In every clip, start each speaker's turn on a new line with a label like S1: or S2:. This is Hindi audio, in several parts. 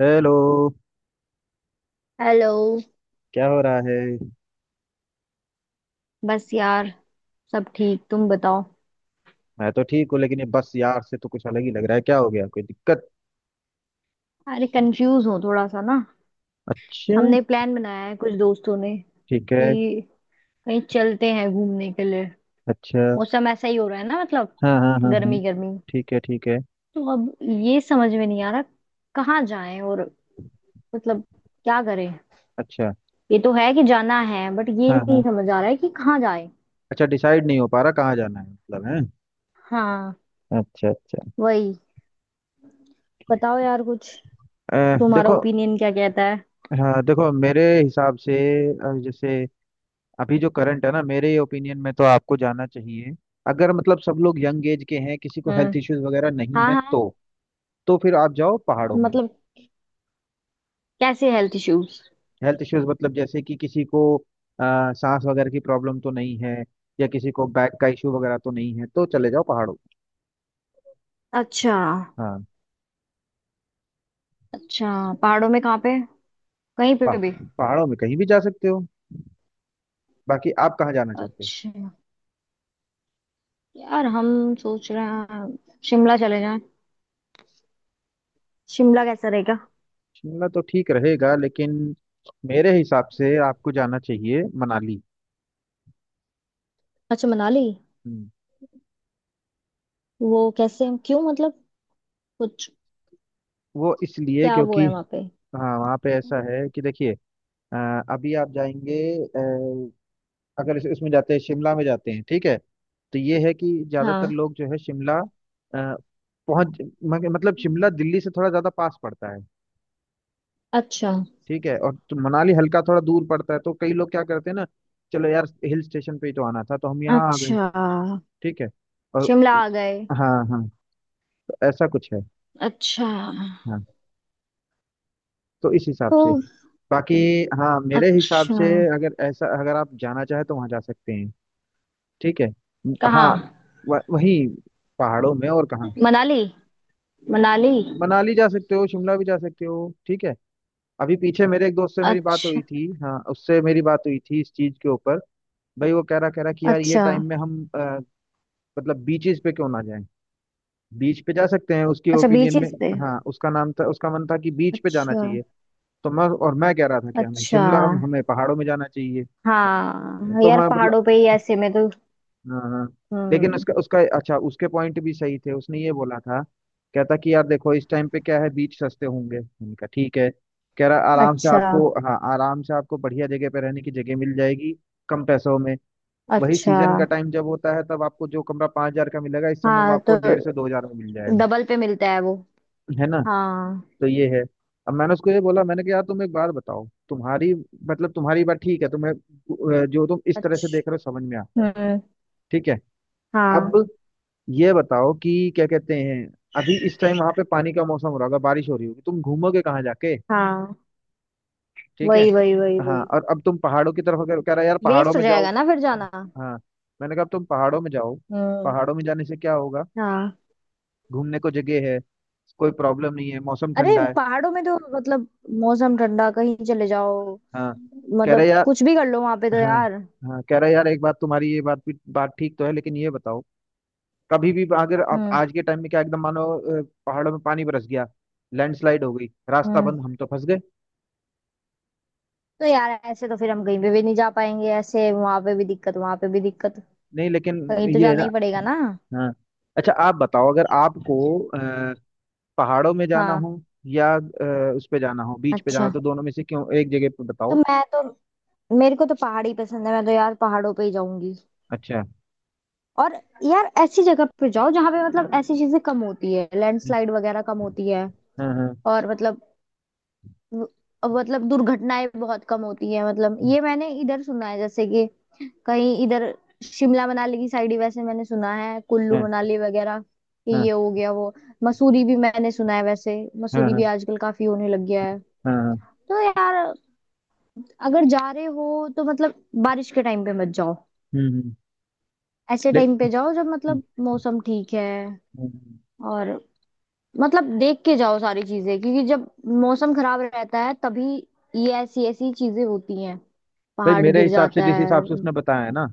S1: हेलो।
S2: हेलो।
S1: क्या हो रहा है?
S2: बस यार। सब ठीक? तुम बताओ।
S1: मैं तो ठीक हूँ लेकिन ये बस यार से तो कुछ अलग ही लग रहा है। क्या हो गया? कोई दिक्कत?
S2: अरे कंफ्यूज हूँ थोड़ा सा ना।
S1: अच्छा।
S2: हमने प्लान बनाया है कुछ दोस्तों ने
S1: ठीक है।
S2: कि कहीं चलते हैं घूमने के लिए।
S1: अच्छा।
S2: मौसम ऐसा ही हो रहा है ना, मतलब
S1: हाँ, हाँ, हाँ, हाँ।
S2: गर्मी गर्मी।
S1: ठीक है, ठीक है।
S2: तो अब ये समझ में नहीं आ रहा कहाँ जाएं, और मतलब क्या करें।
S1: अच्छा।
S2: ये तो है कि जाना है बट ये
S1: हाँ, हाँ।
S2: नहीं समझ आ रहा है कि कहाँ जाएं।
S1: अच्छा, डिसाइड नहीं हो पा रहा कहाँ जाना है मतलब है।
S2: हाँ,
S1: अच्छा, अच्छा।
S2: वही। बताओ यार कुछ, तुम्हारा
S1: देखो,
S2: ओपिनियन क्या कहता है।
S1: हाँ देखो, मेरे हिसाब से जैसे अभी जो करंट है ना, मेरे ओपिनियन में तो आपको जाना चाहिए। अगर मतलब सब लोग यंग एज के हैं, किसी को
S2: हम्म।
S1: हेल्थ इश्यूज वगैरह नहीं
S2: हाँ
S1: है
S2: हाँ।
S1: तो फिर आप जाओ पहाड़ों में।
S2: मतलब कैसे हेल्थ इश्यूज?
S1: हेल्थ इश्यूज मतलब जैसे कि किसी को अ, सांस वगैरह की प्रॉब्लम तो नहीं है, या किसी को बैक का इशू वगैरह तो नहीं है, तो चले जाओ पहाड़ों।
S2: अच्छा।
S1: हाँ।
S2: अच्छा, पहाड़ों में कहाँ पे? कहीं
S1: पा,
S2: पे भी?
S1: पहाड़ों में कहीं भी जा सकते हो। बाकी आप कहाँ जाना चाहते हो?
S2: अच्छा। यार हम सोच रहे हैं शिमला चले जाएं। शिमला कैसा रहेगा?
S1: शिमला तो ठीक रहेगा लेकिन मेरे हिसाब से आपको जाना चाहिए मनाली।
S2: अच्छा, मनाली।
S1: हम्म,
S2: वो कैसे, क्यों, मतलब कुछ
S1: वो इसलिए
S2: क्या वो
S1: क्योंकि
S2: है वहाँ पे?
S1: हाँ, वहाँ पे ऐसा है कि देखिए, अ, अभी आप जाएंगे, अगर इसमें जाते हैं, शिमला में जाते हैं, ठीक है? तो ये है कि ज्यादातर
S2: हाँ।
S1: लोग जो है शिमला पहुंच, मतलब शिमला दिल्ली से थोड़ा ज्यादा पास पड़ता है।
S2: अच्छा।
S1: ठीक है? और तो मनाली हल्का थोड़ा दूर पड़ता है, तो कई लोग क्या करते हैं ना, चलो यार हिल स्टेशन पे ही तो आना था तो हम यहाँ आ गए।
S2: अच्छा,
S1: ठीक है? और
S2: शिमला आ गए।
S1: हाँ, हाँ, तो ऐसा कुछ है।
S2: अच्छा।
S1: हाँ, तो इस हिसाब
S2: तो?
S1: से बाकी हाँ, मेरे हिसाब
S2: अच्छा।
S1: से अगर ऐसा, अगर आप जाना चाहे तो वहाँ जा सकते हैं। ठीक है? हाँ,
S2: कहाँ?
S1: वही पहाड़ों में, और कहाँ?
S2: मनाली। मनाली।
S1: मनाली जा सकते हो, शिमला भी जा सकते हो। ठीक है? अभी पीछे मेरे एक दोस्त से मेरी बात
S2: अच्छा।
S1: हुई थी, हाँ, उससे मेरी बात हुई थी इस चीज के ऊपर। भाई वो कह रहा कि यार ये
S2: अच्छा।
S1: टाइम में हम मतलब बीचेस पे क्यों ना जाएं, बीच पे जा सकते हैं उसकी
S2: अच्छा,
S1: ओपिनियन में।
S2: बीचेस पे?
S1: हाँ, उसका नाम था, उसका मन था कि बीच पे जाना
S2: अच्छा।
S1: चाहिए। तो मैं, और मैं कह रहा था कि हमें
S2: अच्छा।
S1: शिमला, हमें पहाड़ों में जाना चाहिए।
S2: हाँ
S1: तो
S2: यार,
S1: मैं
S2: पहाड़ों पे ही
S1: मतलब
S2: ऐसे में तो।
S1: हाँ, हाँ, लेकिन
S2: हम्म।
S1: उसका उसका अच्छा उसके पॉइंट भी सही थे, उसने ये बोला था, कहता कि यार देखो इस टाइम पे क्या है, बीच सस्ते होंगे। मैंने कहा ठीक है, कह रहा आराम से
S2: अच्छा।
S1: आपको, हाँ आराम से आपको बढ़िया जगह पे रहने की जगह मिल जाएगी कम पैसों में। वही
S2: अच्छा।
S1: सीजन का टाइम जब होता है तब आपको जो कमरा 5,000 का मिलेगा, इस समय वो
S2: हाँ
S1: आपको
S2: तो
S1: 1,500 से 2,000 में मिल जाएगा।
S2: डबल पे मिलता है वो।
S1: है ना?
S2: हाँ।
S1: तो ये है। अब मैंने उसको ये बोला, मैंने कहा यार तुम एक बात बताओ, तुम्हारी मतलब तुम्हारी बात ठीक है, तुम्हें जो तुम इस तरह से देख रहे हो
S2: अच्छा।
S1: समझ में आता है,
S2: हम्म।
S1: ठीक है।
S2: हाँ
S1: अब ये बताओ कि क्या कहते हैं, अभी इस टाइम वहां पे पानी का मौसम हो रहा होगा, बारिश हो रही होगी, तुम घूमोगे कहाँ जाके?
S2: हाँ।
S1: ठीक है?
S2: वही वही वही
S1: हाँ,
S2: वही।
S1: और अब तुम पहाड़ों की तरफ अगर कह रहा है, यार पहाड़ों
S2: वेस्ट हो
S1: में जाओ।
S2: जाएगा ना फिर जाना।
S1: हाँ, मैंने कहा अब तुम पहाड़ों में जाओ।
S2: हम्म।
S1: पहाड़ों में जाने से क्या होगा?
S2: हाँ।
S1: घूमने को जगह है, कोई प्रॉब्लम नहीं है, मौसम
S2: अरे
S1: ठंडा है।
S2: पहाड़ों में तो मतलब, मौसम ठंडा, कहीं चले जाओ।
S1: हाँ, कह रहे
S2: मतलब
S1: यार
S2: कुछ भी कर लो वहां पे तो
S1: हाँ,
S2: यार।
S1: हाँ, कह रहे यार एक बात, तुम्हारी ये बात भी बात ठीक तो है, लेकिन ये बताओ, कभी भी अगर आप
S2: हम्म।
S1: आज के टाइम में क्या एकदम मानो पहाड़ों में पानी बरस गया, लैंडस्लाइड हो गई, रास्ता
S2: हम्म।
S1: बंद, हम तो फंस गए।
S2: तो यार ऐसे तो फिर हम कहीं पे भी नहीं जा पाएंगे। ऐसे वहां पे भी दिक्कत, वहां पे भी दिक्कत।
S1: नहीं लेकिन
S2: कहीं तो
S1: ये है
S2: जाना
S1: ना।
S2: ही पड़ेगा ना।
S1: हाँ। अच्छा आप बताओ, अगर आपको पहाड़ों में जाना
S2: हाँ।
S1: हो, या उस पे जाना हो, बीच पे जाना हो,
S2: अच्छा।
S1: तो दोनों में से क्यों एक जगह पे
S2: तो
S1: बताओ।
S2: मैं तो मेरे को तो पहाड़ ही पसंद है, मैं तो यार पहाड़ों पे ही जाऊंगी।
S1: अच्छा।
S2: और यार ऐसी जगह पे जाओ जहाँ पे मतलब ऐसी चीजें कम होती है,
S1: हम्म,
S2: लैंडस्लाइड वगैरह कम होती है।
S1: हाँ, हाँ,
S2: और मतलब, मतलब दुर्घटनाएं बहुत कम होती है। मतलब ये मैंने इधर सुना है, जैसे कि कहीं इधर शिमला मनाली की साइड ही, वैसे मैंने सुना है कुल्लू
S1: हाँ,
S2: मनाली वगैरह कि
S1: हाँ,
S2: ये हो गया वो। मसूरी भी मैंने सुना है वैसे,
S1: हाँ,
S2: मसूरी
S1: हाँ।
S2: भी आजकल काफी होने लग गया है।
S1: हाँ।
S2: तो यार अगर जा रहे हो तो मतलब बारिश के टाइम पे मत जाओ,
S1: हम्म हम्म
S2: ऐसे
S1: ले-
S2: टाइम पे जाओ जब
S1: हम्म,
S2: मतलब मौसम ठीक है।
S1: हम्म।
S2: और मतलब देख के जाओ सारी चीजें, क्योंकि जब मौसम खराब रहता है तभी ये ऐसी ऐसी चीजें होती हैं,
S1: भाई
S2: पहाड़
S1: मेरे
S2: गिर
S1: हिसाब से
S2: जाता
S1: जिस
S2: है।
S1: हिसाब से उसने बताया है ना,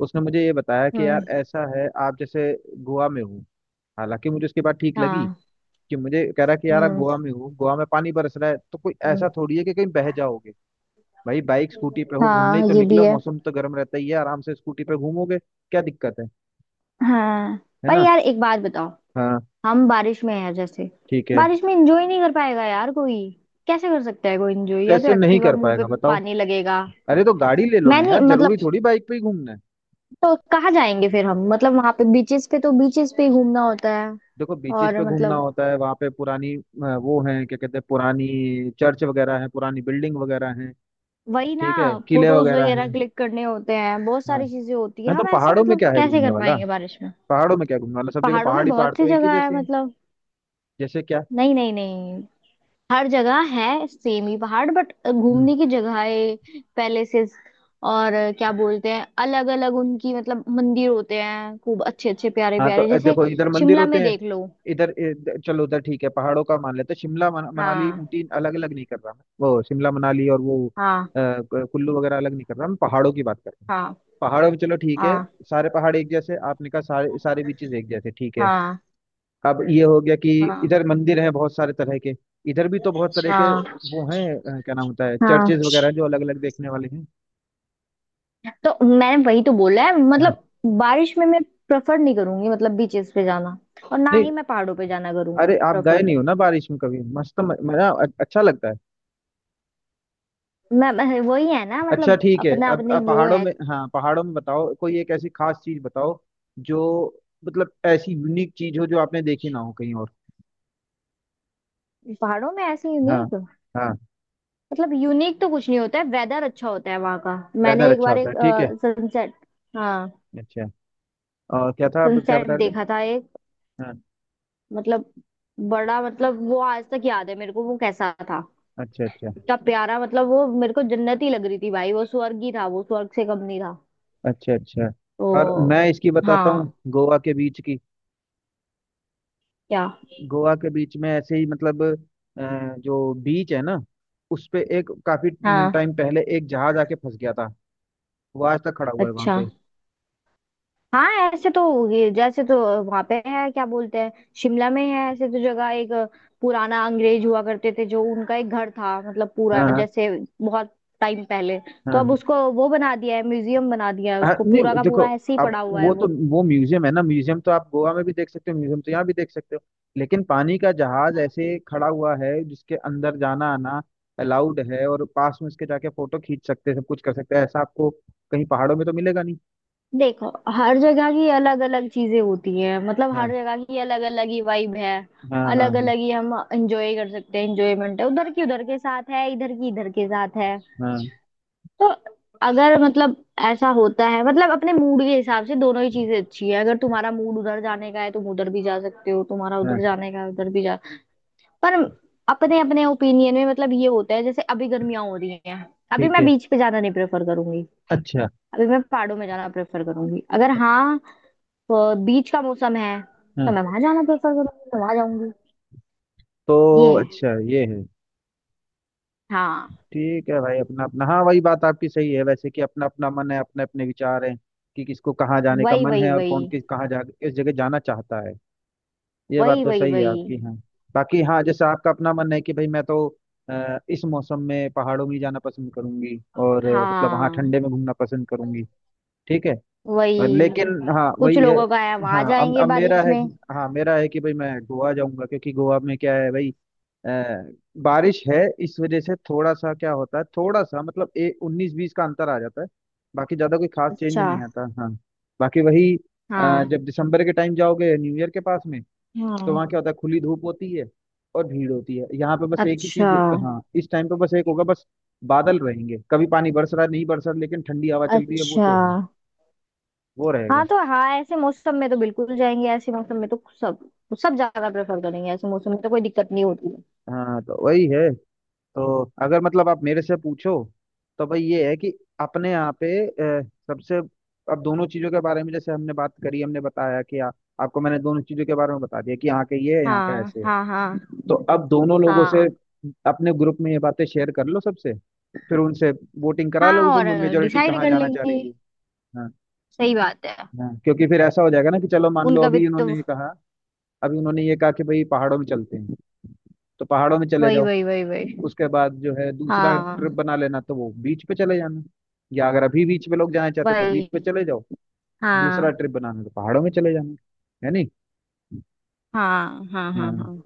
S1: उसने मुझे ये बताया कि यार
S2: हम्म
S1: ऐसा है, आप जैसे गोवा में हो, हालांकि मुझे उसकी बात ठीक लगी,
S2: हाँ।
S1: कि मुझे कह रहा कि यार आप
S2: हम्म
S1: गोवा में हो, गोवा में पानी बरस रहा है, तो कोई
S2: हम्म,
S1: ऐसा थोड़ी है कि कहीं बह जाओगे। भाई बाइक स्कूटी पे हो, घूमने ही
S2: हाँ
S1: तो
S2: ये भी
S1: निकलो,
S2: है।
S1: मौसम तो गर्म रहता ही है, आराम से स्कूटी पे घूमोगे, क्या दिक्कत है?
S2: हाँ।
S1: है
S2: पर
S1: ना?
S2: यार एक बात बताओ,
S1: हाँ,
S2: हम बारिश में हैं जैसे।
S1: ठीक है।
S2: बारिश में एंजॉय नहीं कर पाएगा यार कोई, कैसे कर सकता है कोई एंजॉय? या तो
S1: कैसे नहीं
S2: एक्टिवा,
S1: कर
S2: मुंह पे
S1: पाएगा बताओ?
S2: पानी लगेगा।
S1: अरे तो गाड़ी ले लो
S2: मैं
S1: ना यार,
S2: नहीं,
S1: जरूरी
S2: मतलब
S1: थोड़ी बाइक पे ही घूमना है।
S2: तो कहाँ जाएंगे फिर हम, मतलब वहां पे बीचेस पे तो बीचेस पे ही घूमना होता है।
S1: देखो बीचेस
S2: और
S1: पे घूमना
S2: मतलब
S1: होता है, वहां पे पुरानी वो है, क्या कहते हैं, पुरानी चर्च वगैरह है, पुरानी बिल्डिंग वगैरह है,
S2: वही ना,
S1: ठीक है किले
S2: फोटोज
S1: वगैरह
S2: वगैरह
S1: हैं।
S2: क्लिक करने होते हैं, बहुत
S1: हाँ,
S2: सारी चीजें होती है,
S1: ना
S2: हम
S1: तो
S2: ऐसे
S1: पहाड़ों में
S2: मतलब
S1: क्या है
S2: कैसे
S1: घूमने
S2: कर
S1: वाला?
S2: पाएंगे बारिश में।
S1: पहाड़ों में क्या घूमने वाला, सब जगह
S2: पहाड़ों
S1: पहाड़
S2: में
S1: ही पहाड़,
S2: बहुत
S1: तो
S2: सी
S1: एक ही
S2: जगह है
S1: जैसे हैं।
S2: मतलब।
S1: जैसे क्या?
S2: नहीं नहीं नहीं, हर जगह है सेम ही पहाड़ बट
S1: हम्म।
S2: घूमने की जगहें, पैलेसेस और क्या बोलते हैं, अलग अलग उनकी, मतलब मंदिर होते हैं खूब अच्छे अच्छे, प्यारे
S1: हाँ तो
S2: प्यारे जैसे
S1: देखो इधर मंदिर
S2: शिमला
S1: होते
S2: में
S1: हैं,
S2: देख लो।
S1: इधर इधर- चलो उधर, ठीक है पहाड़ों का मान लेते हैं। शिमला, मनाली,
S2: हाँ
S1: ऊटी, अलग अलग नहीं कर रहा मैं, वो शिमला मनाली और वो
S2: हाँ
S1: कुल्लू वगैरह अलग नहीं कर रहा मैं, पहाड़ों की बात कर रहा हूँ।
S2: हाँ
S1: पहाड़ों में चलो ठीक है।
S2: हाँ।
S1: सारे पहाड़ एक जैसे आपने कहा, सारे सारे बीचेस एक जैसे, ठीक है।
S2: हाँ
S1: अब ये हो गया कि
S2: हाँ
S1: इधर मंदिर हैं बहुत सारे तरह के, इधर भी तो बहुत तरह के
S2: हाँ
S1: वो हैं। क्या नाम होता है,
S2: हाँ।
S1: चर्चेज वगैरह हैं, जो अलग अलग देखने वाले हैं।
S2: तो मैंने वही तो बोला है
S1: हाँ।
S2: मतलब, बारिश में मैं प्रेफर नहीं करूंगी मतलब बीचेस पे जाना, और ना
S1: नहीं,
S2: ही मैं पहाड़ों पे जाना करूंगी
S1: अरे आप गए
S2: प्रेफर।
S1: नहीं हो ना बारिश में कभी, मस्त मजा अच्छा लगता है।
S2: वही है ना
S1: अच्छा
S2: मतलब,
S1: ठीक है,
S2: अपना अपने
S1: अब
S2: वो
S1: पहाड़ों
S2: है।
S1: में हाँ, पहाड़ों में बताओ कोई एक ऐसी खास चीज बताओ जो, मतलब ऐसी यूनिक चीज हो जो आपने देखी ना हो कहीं और।
S2: पहाड़ों में ऐसे
S1: हाँ,
S2: यूनिक?
S1: हाँ।
S2: मतलब यूनिक तो कुछ नहीं होता है, वेदर अच्छा होता है वहां का।
S1: वेदर
S2: मैंने एक
S1: अच्छा
S2: बार
S1: होता
S2: एक
S1: है, ठीक है।
S2: सनसेट, हाँ,
S1: अच्छा, और क्या था आप क्या
S2: सनसेट
S1: बता रहे थे?
S2: देखा था एक,
S1: हाँ।
S2: मतलब बड़ा, मतलब वो आज तक याद है मेरे को वो कैसा था।
S1: अच्छा, अच्छा।
S2: इतना प्यारा, मतलब वो मेरे को जन्नत ही लग रही थी भाई, वो स्वर्ग ही था, वो स्वर्ग से कम नहीं था।
S1: अच्छा, अच्छा। और
S2: तो
S1: मैं इसकी बताता हूँ
S2: हाँ।
S1: गोवा के बीच की।
S2: क्या?
S1: गोवा के बीच में ऐसे ही, मतलब जो बीच है ना, उस पे एक काफी
S2: हाँ।
S1: टाइम पहले एक जहाज आके फंस गया था, वो आज तक खड़ा हुआ है वहां
S2: अच्छा।
S1: पे।
S2: हाँ ऐसे तो, ये जैसे तो वहां पे है क्या बोलते हैं, शिमला में है ऐसे तो जगह एक, पुराना अंग्रेज हुआ करते थे जो, उनका एक घर था मतलब
S1: हाँ,
S2: पूरा
S1: हाँ,
S2: जैसे बहुत टाइम पहले।
S1: हाँ।
S2: तो अब
S1: हाँ।
S2: उसको वो बना दिया है, म्यूजियम बना दिया है
S1: हाँ
S2: उसको, पूरा
S1: नहीं
S2: का
S1: देखो,
S2: पूरा ऐसे ही
S1: आप
S2: पड़ा हुआ है
S1: वो तो,
S2: वो।
S1: वो म्यूजियम है ना, म्यूजियम तो आप गोवा में भी देख सकते हो, म्यूजियम तो यहाँ भी देख सकते हो, लेकिन पानी का जहाज ऐसे खड़ा हुआ है जिसके अंदर जाना आना अलाउड है, और पास में उसके जाके फोटो खींच सकते हैं, सब कुछ कर सकते हैं, ऐसा आपको कहीं पहाड़ों में तो मिलेगा नहीं।
S2: देखो हर जगह की अलग अलग चीजें होती हैं, मतलब हर
S1: हाँ,
S2: जगह की अलग अलग ही वाइब है,
S1: हाँ, हाँ,
S2: अलग
S1: हाँ,
S2: अलग ही हम एंजॉय कर सकते हैं। एंजॉयमेंट है उधर की उधर के साथ है, इधर की इधर के साथ है।
S1: हाँ,
S2: तो अगर मतलब, ऐसा होता है मतलब अपने मूड के हिसाब से, दोनों ही चीजें अच्छी है। अगर तुम्हारा मूड उधर जाने का है तुम उधर भी जा सकते हो, तुम्हारा
S1: हाँ।
S2: उधर जाने का है उधर भी जा। पर अपने अपने ओपिनियन में मतलब ये होता है, जैसे अभी गर्मियां हो रही हैं, अभी
S1: ठीक
S2: मैं
S1: है।
S2: बीच पे जाना नहीं प्रेफर करूंगी,
S1: अच्छा।
S2: अभी मैं पहाड़ों में जाना प्रेफर करूंगी। अगर हाँ बीच का मौसम है
S1: हाँ,
S2: तो मैं वहां जाना प्रेफर करूंगी तो वहां जाऊंगी।
S1: तो
S2: ये है।
S1: अच्छा ये है।
S2: हाँ।
S1: ठीक है भाई, अपना अपना, हाँ वही बात आपकी सही है वैसे, कि अपना अपना मन है, अपने अपने विचार हैं, कि किसको कहाँ जाने का
S2: वही
S1: मन
S2: वही
S1: है, और
S2: वही
S1: कौन किस कहाँ जा, किस जगह जाना चाहता है। ये बात
S2: वही।
S1: तो
S2: वही
S1: सही है
S2: वही।
S1: आपकी, हाँ। बाकी हाँ, जैसे आपका अपना मन है कि भाई मैं तो इस मौसम में पहाड़ों में ही जाना पसंद करूंगी, और मतलब वहाँ
S2: हाँ।
S1: ठंडे में घूमना पसंद करूंगी। ठीक है। और
S2: वही।
S1: लेकिन हाँ
S2: कुछ
S1: वही है।
S2: लोगों का है वहां
S1: हाँ, अब
S2: जाएंगे
S1: अब मेरा
S2: बारिश
S1: है
S2: में।
S1: हाँ, मेरा है कि भाई मैं गोवा जाऊंगा क्योंकि गोवा में क्या है भाई, अ, बारिश है, इस वजह से थोड़ा सा क्या होता है, थोड़ा सा मतलब ए उन्नीस बीस का अंतर आ जाता है, बाकी ज्यादा कोई खास चेंज
S2: अच्छा।
S1: नहीं आता। हाँ, बाकी वही
S2: हाँ
S1: जब दिसंबर के टाइम जाओगे न्यू ईयर के पास में, तो
S2: हाँ।
S1: वहाँ क्या होता है खुली धूप होती है और भीड़ होती है, यहाँ पे बस एक ही
S2: अच्छा।
S1: चीज। हाँ, इस टाइम पे बस एक होगा, बस बादल रहेंगे, कभी पानी बरस रहा है, नहीं बरस रहा, लेकिन ठंडी हवा चल रही है वो
S2: अच्छा।
S1: तो है, वो रहेगा।
S2: हाँ तो, हाँ ऐसे मौसम में तो बिल्कुल जाएंगे, ऐसे मौसम में तो सब, सब ज्यादा प्रेफर करेंगे, ऐसे मौसम में तो कोई दिक्कत नहीं होती है।
S1: हाँ, तो वही है। तो अगर मतलब आप मेरे से पूछो, तो भाई ये है कि अपने यहाँ पे अ, सबसे, अब दोनों चीजों के बारे में जैसे हमने बात करी, हमने बताया कि आ, आपको मैंने दोनों चीजों के बारे में बता दिया कि यहाँ के ये है, यहाँ का
S2: हाँ
S1: ऐसे है।
S2: हाँ हाँ
S1: तो अब दोनों लोगों से
S2: हाँ।
S1: अपने ग्रुप में ये बातें शेयर कर लो सबसे, फिर उनसे वोटिंग करा
S2: हाँ
S1: लो, तो
S2: और
S1: मेजोरिटी
S2: डिसाइड
S1: कहाँ
S2: कर
S1: जाना चाह
S2: लेंगे।
S1: रही है। हाँ,
S2: सही बात है।
S1: हाँ, क्योंकि फिर ऐसा हो जाएगा ना कि चलो, मान लो
S2: उनका भी
S1: अभी उन्होंने
S2: तो।
S1: ये कहा, अभी उन्होंने ये कहा कि भाई पहाड़ों में चलते हैं, तो पहाड़ों में चले
S2: वही
S1: जाओ।
S2: वही वही वही।
S1: उसके बाद जो है दूसरा ट्रिप
S2: हाँ
S1: बना लेना तो वो बीच पे चले जाना। या अगर अभी बीच पे लोग जाना चाहते हैं, तो बीच
S2: वही।
S1: पे चले जाओ, दूसरा
S2: हाँ
S1: ट्रिप बनाना तो पहाड़ों में चले जाना। है नहीं?
S2: हाँ हाँ हाँ।
S1: हाँ,
S2: हाँ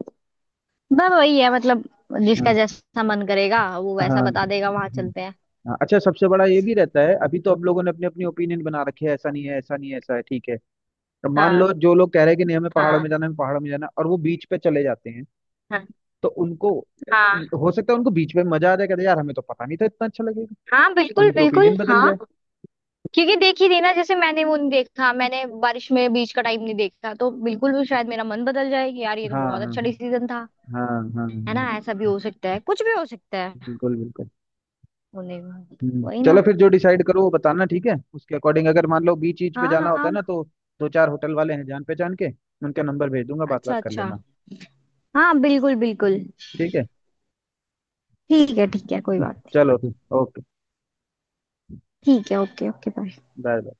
S2: बस वही है मतलब, जिसका
S1: हाँ,
S2: जैसा मन करेगा वो
S1: हाँ,
S2: वैसा बता देगा, वहां चलते हैं।
S1: हाँ, अच्छा। सबसे बड़ा ये भी रहता है, अभी तो अब लोगों ने अपनी अपनी ओपिनियन बना रखी है, ऐसा नहीं है, ऐसा नहीं है ऐसा है ठीक है। तो मान
S2: हाँ
S1: लो जो लोग कह रहे हैं कि नहीं हमें पहाड़ों में
S2: हाँ
S1: जाना, हमें पहाड़ों में जाना, और वो बीच पे चले जाते हैं,
S2: हाँ
S1: तो उनको
S2: हाँ।
S1: हो सकता है उनको बीच में मजा आ जाए, कहते हैं, यार हमें तो पता नहीं था इतना अच्छा लगेगा,
S2: हाँ बिल्कुल
S1: उनकी
S2: बिल्कुल।
S1: ओपिनियन बदल
S2: हाँ
S1: जाए।
S2: क्योंकि देख ही देना, जैसे मैंने वो नहीं देखा, मैंने बारिश में बीच का टाइम नहीं देखा, तो बिल्कुल भी शायद मेरा मन बदल जाए कि यार ये तो
S1: हाँ, हाँ,
S2: बहुत
S1: हाँ।
S2: अच्छा डिसीजन था।
S1: हाँ, हाँ, हाँ,
S2: है ना, ऐसा भी हो सकता है, कुछ भी हो सकता है
S1: बिल्कुल बिल्कुल।
S2: होने में।
S1: हम्म,
S2: वही
S1: चलो
S2: ना।
S1: फिर जो डिसाइड करो वो बताना, ठीक है? उसके अकॉर्डिंग अगर मान लो बीच बीच पे जाना
S2: हाँ
S1: होता
S2: हाँ।
S1: है ना, तो दो चार होटल वाले हैं जान पहचान के, उनका नंबर भेज दूंगा, बात
S2: अच्छा
S1: बात कर
S2: अच्छा।
S1: लेना।
S2: हाँ बिल्कुल बिल्कुल।
S1: ठीक है।
S2: ठीक है। ठीक है कोई बात नहीं।
S1: चलो फिर, ओके,
S2: ठीक है। Okay. Okay, bye.
S1: Bye bye.